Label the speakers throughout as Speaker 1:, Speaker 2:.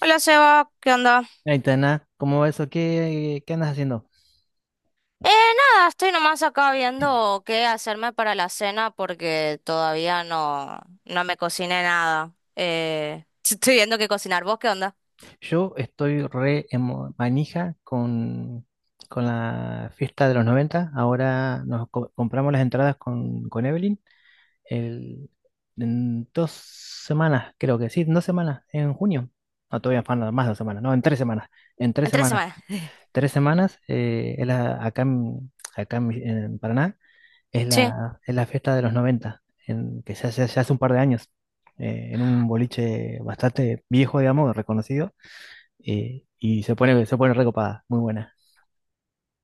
Speaker 1: Hola Seba, ¿qué onda?
Speaker 2: Aitana, ¿cómo va eso? ¿Qué andas haciendo?
Speaker 1: Eh, Nada, estoy nomás acá viendo qué hacerme para la cena porque todavía no me cociné nada. Estoy viendo qué cocinar. ¿Vos qué onda?
Speaker 2: Yo estoy re manija con la fiesta de los 90. Ahora nos compramos las entradas con Evelyn el- en dos semanas, creo que sí, en dos semanas, en junio. No, todavía faltan más de dos semanas, no, en tres semanas. En tres
Speaker 1: En tres
Speaker 2: semanas.
Speaker 1: semanas.
Speaker 2: Tres semanas, es acá, acá en Paraná. Es
Speaker 1: Sí.
Speaker 2: es la fiesta de los 90 en, que se hace un par de años, en un boliche bastante viejo, digamos, reconocido, y se pone recopada, muy buena.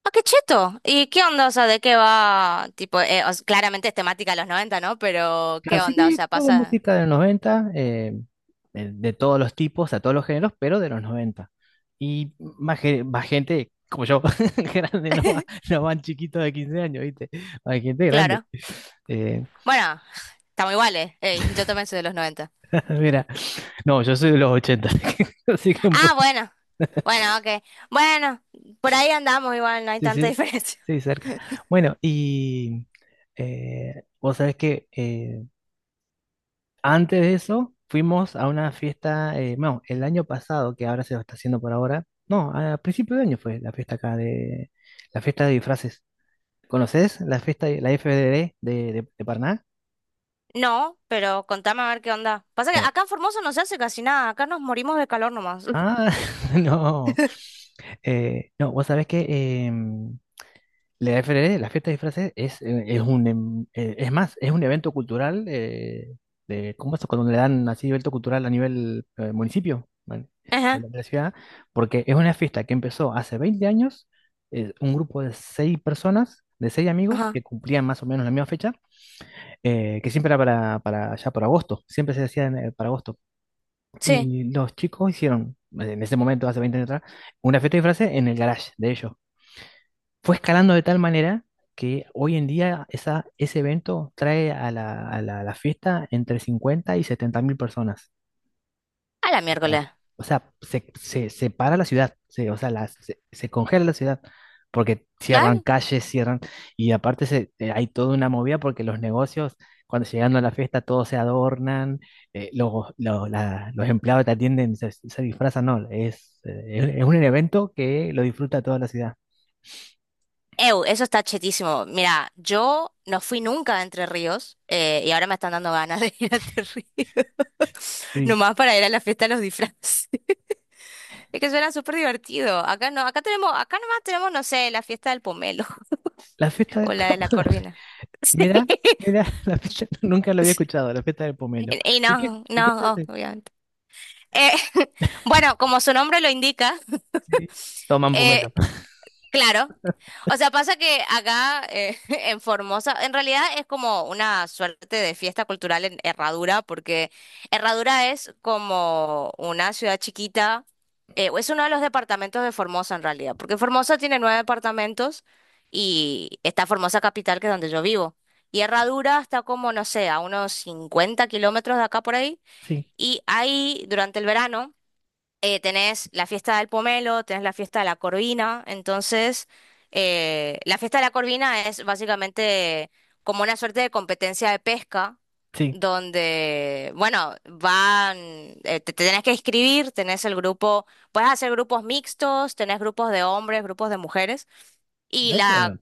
Speaker 1: Ah, qué cheto. ¿Y qué onda? O sea, ¿de qué va? Tipo, claramente es temática de los 90, ¿no? Pero,
Speaker 2: Claro,
Speaker 1: ¿qué
Speaker 2: sí,
Speaker 1: onda? O
Speaker 2: sí,
Speaker 1: sea,
Speaker 2: todo
Speaker 1: pasa...
Speaker 2: música de los noventa, de todos los tipos, a todos los géneros, pero de los noventa. Y más, más gente como yo, grande, no, no van chiquitos de 15 años, ¿viste? Hay gente grande.
Speaker 1: Claro.
Speaker 2: Eh,
Speaker 1: Bueno, estamos iguales. Ey, yo también soy de los 90.
Speaker 2: mira, no, yo soy de los ochenta. Así que un
Speaker 1: Ah, bueno. Bueno, ok. Bueno, por ahí andamos igual, no hay
Speaker 2: sí,
Speaker 1: tanta
Speaker 2: sí,
Speaker 1: diferencia.
Speaker 2: sí, cerca. Bueno, vos sabés que, antes de eso fuimos a una fiesta, bueno, el año pasado, que ahora se lo está haciendo por ahora, no, a principio de año fue la fiesta acá de, la fiesta de disfraces. ¿Conoces la fiesta, la FDD de Paraná?
Speaker 1: No, pero contame a ver qué onda. Pasa que
Speaker 2: Bueno,
Speaker 1: acá en Formosa no se hace casi nada, acá nos morimos de calor nomás.
Speaker 2: ah, no, no, vos sabés que em, la FRD, la fiesta de disfraces, es un, es más, es un evento cultural, de, ¿cómo es? Cuando le dan así evento cultural a nivel, municipio, ¿vale? De
Speaker 1: Ajá,
Speaker 2: de la ciudad, porque es una fiesta que empezó hace 20 años, un grupo de seis personas, de seis amigos,
Speaker 1: ajá,
Speaker 2: que cumplían más o menos la misma fecha, que siempre era para ya por agosto, siempre se hacía en, para agosto.
Speaker 1: sí.
Speaker 2: Y los chicos hicieron, en ese momento, hace 20 años atrás, una fiesta de disfraces en el garage de ellos, fue escalando de tal manera que hoy en día esa, ese evento trae a a a la fiesta entre 50 y 70 mil personas.
Speaker 1: A la
Speaker 2: O sea,
Speaker 1: miércoles.
Speaker 2: o sea, se para la ciudad, se, o sea, se congela la ciudad, porque cierran
Speaker 1: Claro.
Speaker 2: calles, cierran, y aparte se, hay toda una movida porque los negocios, cuando llegando a la fiesta, todos se adornan, los empleados que te atienden, se disfrazan, no, es un evento que lo disfruta toda la ciudad.
Speaker 1: Ew, eso está chetísimo. Mira, yo no fui nunca a Entre Ríos, y ahora me están dando ganas de ir a Entre Ríos.
Speaker 2: Sí.
Speaker 1: Nomás para ir a la fiesta de los disfraces. Es que suena súper divertido. Acá no, acá tenemos, acá nomás tenemos, no sé, la fiesta del pomelo
Speaker 2: La fiesta del
Speaker 1: o la de
Speaker 2: campo.
Speaker 1: la corvina. Sí.
Speaker 2: Mira, mira, la fiesta, nunca lo había escuchado, la fiesta del pomelo.
Speaker 1: Y
Speaker 2: ¿Y qué,
Speaker 1: no,
Speaker 2: ¿y qué se
Speaker 1: no,
Speaker 2: hace?
Speaker 1: obviamente. Eh, bueno, como su nombre lo indica,
Speaker 2: Sí, toman
Speaker 1: eh,
Speaker 2: pomelo.
Speaker 1: claro. O sea, pasa que acá, en Formosa, en realidad es como una suerte de fiesta cultural en Herradura, porque Herradura es como una ciudad chiquita, o es uno de los departamentos de Formosa en realidad, porque Formosa tiene nueve departamentos y está Formosa Capital, que es donde yo vivo. Y Herradura está como, no sé, a unos 50 kilómetros de acá por ahí.
Speaker 2: Sí,
Speaker 1: Y ahí, durante el verano, tenés la fiesta del pomelo, tenés la fiesta de la corvina. Entonces, la fiesta de la corvina es básicamente como una suerte de competencia de pesca,
Speaker 2: sí.
Speaker 1: donde, bueno, van, te tenés que inscribir, tenés el grupo, puedes hacer grupos mixtos, tenés grupos de hombres, grupos de mujeres. Y
Speaker 2: Mira qué
Speaker 1: la
Speaker 2: bueno.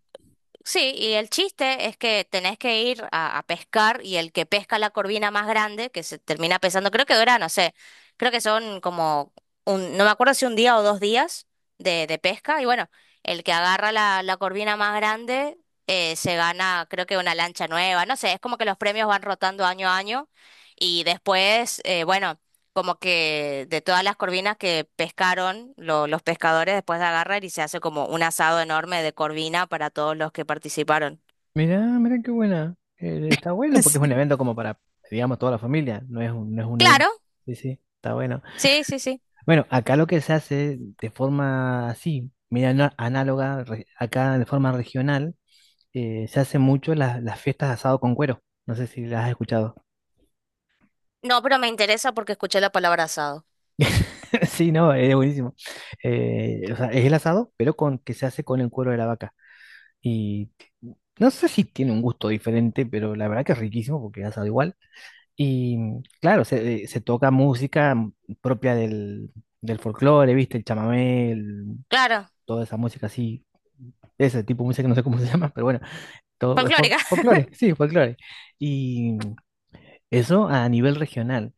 Speaker 1: sí, y el chiste es que tenés que a pescar y el que pesca la corvina más grande, que se termina pesando, creo que dura, no sé, creo que son como un, no me acuerdo si un día o dos días de pesca, y bueno, el que agarra la corvina más grande, se gana, creo que una lancha nueva, no sé, es como que los premios van rotando año a año y después, bueno, como que de todas las corvinas que pescaron los pescadores después de agarrar y se hace como un asado enorme de corvina para todos los que participaron.
Speaker 2: Mira, mira qué buena. Está bueno porque es un
Speaker 1: Sí.
Speaker 2: evento como para, digamos, toda la familia. No es un, no es un evento.
Speaker 1: Claro,
Speaker 2: Sí, sí, está bueno.
Speaker 1: sí, sí, sí.
Speaker 2: Bueno, acá lo que se hace de forma así, mira, análoga, acá de forma regional, se hace mucho las fiestas de asado con cuero. No sé si las has escuchado.
Speaker 1: No, pero me interesa porque escuché la palabra asado.
Speaker 2: Sí, no, es buenísimo. O sea, es el asado, pero con que se hace con el cuero de la vaca. Y no sé si tiene un gusto diferente, pero la verdad que es riquísimo porque es asado igual. Y mm, claro, se, se toca música, mm, propia del, del folclore, ¿viste? El chamamé, el-
Speaker 1: Claro,
Speaker 2: toda esa música así, ese tipo de música que no sé cómo se llama, pero bueno, todo es
Speaker 1: folclórica.
Speaker 2: folclore, sí, folclore. Y mm, eso a nivel regional.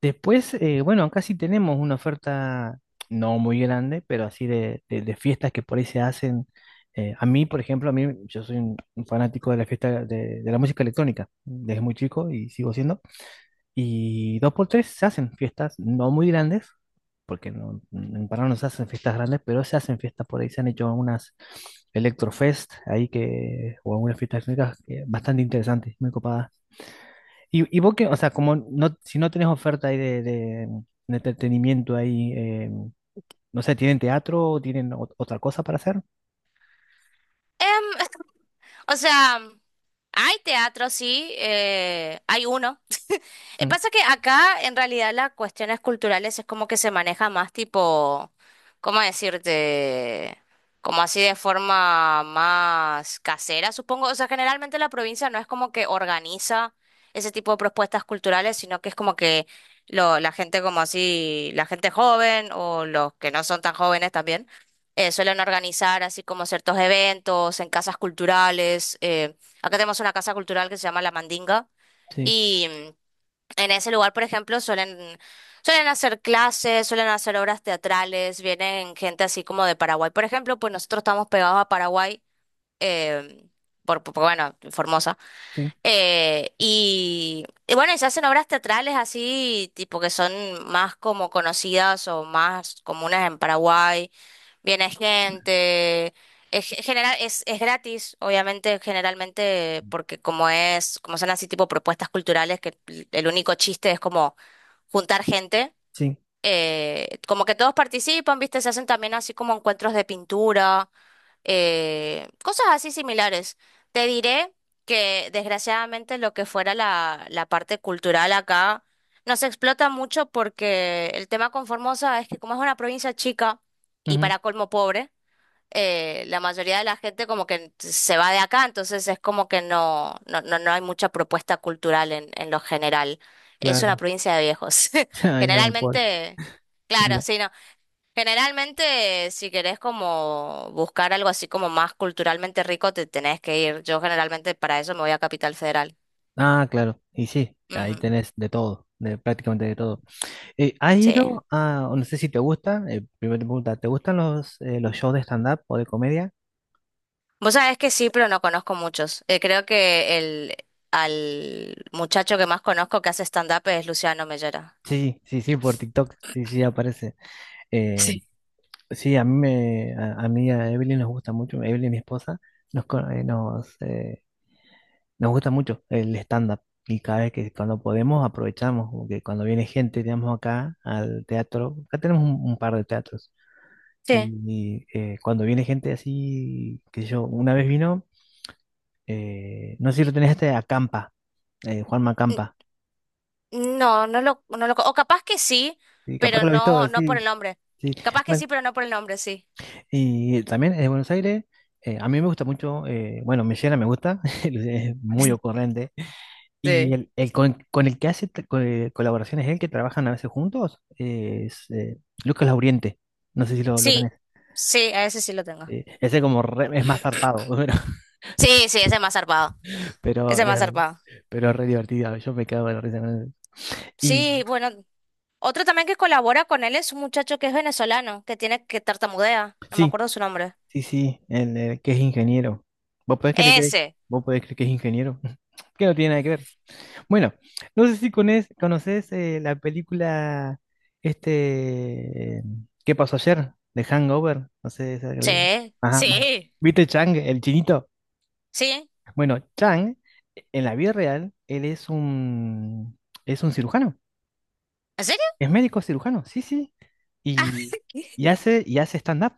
Speaker 2: Después, bueno, acá sí tenemos una oferta no muy grande, pero así de, de fiestas que por ahí se hacen. A mí, por ejemplo, a mí yo soy un fanático de la fiesta de la música electrónica desde muy chico y sigo siendo. Y dos por tres se hacen fiestas no muy grandes, porque no, en Paraná no se hacen fiestas grandes, pero se hacen fiestas por ahí. Se han hecho unas Electrofest ahí que, o algunas fiestas electrónicas que bastante interesantes, muy copadas. Y vos que, o sea, como no, si no tenés oferta ahí de, de entretenimiento ahí, no sé, ¿tienen teatro o tienen otra cosa para hacer?
Speaker 1: Em, o sea, hay teatro, sí, hay uno.
Speaker 2: Mm,
Speaker 1: Pasa que acá en realidad las cuestiones culturales es como que se maneja más tipo, ¿cómo decirte? Como así de forma más casera, supongo. O sea, generalmente la provincia no es como que organiza ese tipo de propuestas culturales, sino que es como que lo, la gente como así, la gente joven o los que no son tan jóvenes también, suelen organizar así como ciertos eventos en casas culturales. Acá tenemos una casa cultural que se llama La Mandinga
Speaker 2: sí,
Speaker 1: y... mm, en ese lugar, por ejemplo, suelen hacer clases, suelen hacer obras teatrales, vienen gente así como de Paraguay. Por ejemplo, pues nosotros estamos pegados a Paraguay, eh, bueno, Formosa.
Speaker 2: sí,
Speaker 1: Y bueno, y se hacen obras teatrales así, tipo que son más como conocidas o más comunes en Paraguay. Viene gente, general, es gratis, obviamente, generalmente, porque como es, como son así tipo propuestas culturales, que el único chiste es como juntar gente.
Speaker 2: sí,
Speaker 1: Como que todos participan, ¿viste? Se hacen también así como encuentros de pintura, cosas así similares. Te diré que desgraciadamente lo que fuera la parte cultural acá no se explota mucho porque el tema con Formosa es que como es una provincia chica y
Speaker 2: ujú,
Speaker 1: para colmo pobre, la mayoría de la gente como que se va de acá, entonces es como que no hay mucha propuesta cultural en lo general. Es una
Speaker 2: claro.
Speaker 1: provincia de viejos.
Speaker 2: Ay, no, pobre.
Speaker 1: Generalmente, claro,
Speaker 2: Mira.
Speaker 1: sí, no. Generalmente, si querés como buscar algo así como más culturalmente rico, te tenés que ir. Yo generalmente para eso me voy a Capital Federal.
Speaker 2: Ah, claro, y sí, ahí
Speaker 1: Ujú,
Speaker 2: tenés de todo, de prácticamente de todo. ¿Has
Speaker 1: sí.
Speaker 2: ido a, o no sé si te gusta, primera pregunta, ¿te gustan los shows de stand-up o de comedia?
Speaker 1: Vos sabés que sí, pero no conozco muchos. Creo que el al muchacho que más conozco que hace stand-up es Luciano Mellera.
Speaker 2: Sí, sí, sí, por TikTok, sí, sí, aparece. Eh,
Speaker 1: Sí.
Speaker 2: Sí, a mí me, a mí a Evelyn nos gusta mucho, Evelyn, mi esposa, nos, nos gusta mucho el stand-up y cada vez que cuando podemos aprovechamos, como que cuando viene gente, digamos acá al teatro, acá tenemos un par de teatros
Speaker 1: Sí.
Speaker 2: y, cuando viene gente así, que yo, una vez vino, no sé si lo tenés este, Acampa, Juanma
Speaker 1: N-
Speaker 2: Acampa,
Speaker 1: No, o capaz que sí,
Speaker 2: y capaz
Speaker 1: pero
Speaker 2: que lo has
Speaker 1: no,
Speaker 2: visto,
Speaker 1: no por el
Speaker 2: sí,
Speaker 1: nombre.
Speaker 2: sí,
Speaker 1: Capaz que
Speaker 2: bueno.
Speaker 1: sí, pero no por el nombre, sí.
Speaker 2: Y también es de Buenos Aires. Eh, a mí me gusta mucho, bueno, Mellera me gusta, es muy ocurrente. Y
Speaker 1: Sí.
Speaker 2: el con el que hace colaboraciones, él que trabajan a veces juntos, es Lucas Lauriente. No sé si lo tenés.
Speaker 1: Sí, sí, a ese sí lo tengo.
Speaker 2: Ese como es más zarpado,
Speaker 1: Sí, sí, ese es más zarpado. Ese
Speaker 2: pero,
Speaker 1: es más
Speaker 2: eh,
Speaker 1: zarpado.
Speaker 2: pero es re divertido. Yo me quedo de la risa con él. Y
Speaker 1: Sí, bueno, otro también que colabora con él es un muchacho que es venezolano, que tartamudea, no me
Speaker 2: sí,
Speaker 1: acuerdo su nombre.
Speaker 2: sí, sí, el, que es ingeniero. ¿Vos podés creer que,
Speaker 1: Ese.
Speaker 2: vos podés creer que es ingeniero? Que no tiene nada que ver. Bueno, no sé si conoces, la película este ¿Qué pasó ayer?, de Hangover, no sé, es el-
Speaker 1: Sí,
Speaker 2: ajá, bueno.
Speaker 1: sí,
Speaker 2: ¿Viste Chang, el chinito?
Speaker 1: sí.
Speaker 2: Bueno, Chang en la vida real él es un, es un cirujano,
Speaker 1: ¿En serio?
Speaker 2: es médico cirujano, sí, sí, y, y hace stand-up.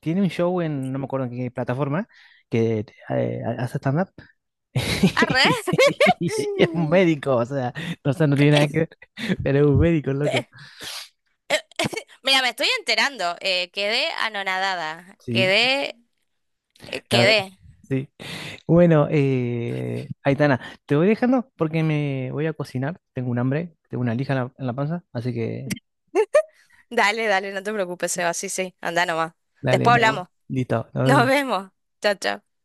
Speaker 2: Tiene un show en no me acuerdo en qué plataforma que, hace stand-up.
Speaker 1: Arre.
Speaker 2: Y es un médico, o sea, no tiene nada que ver, pero es un médico, loco.
Speaker 1: Pe- Mira, me estoy enterando. Quedé anonadada.
Speaker 2: Sí, la verdad,
Speaker 1: Quedé.
Speaker 2: que sí. Bueno, Aitana, te voy dejando porque me voy a cocinar. Tengo un hambre, tengo una lija en en la panza, así que
Speaker 1: Dale, dale, no te preocupes, Seba. Sí, sí, anda nomás.
Speaker 2: dale,
Speaker 1: Después
Speaker 2: no,
Speaker 1: hablamos.
Speaker 2: listo, nos
Speaker 1: Nos
Speaker 2: vemos.
Speaker 1: vemos. Chao, chao.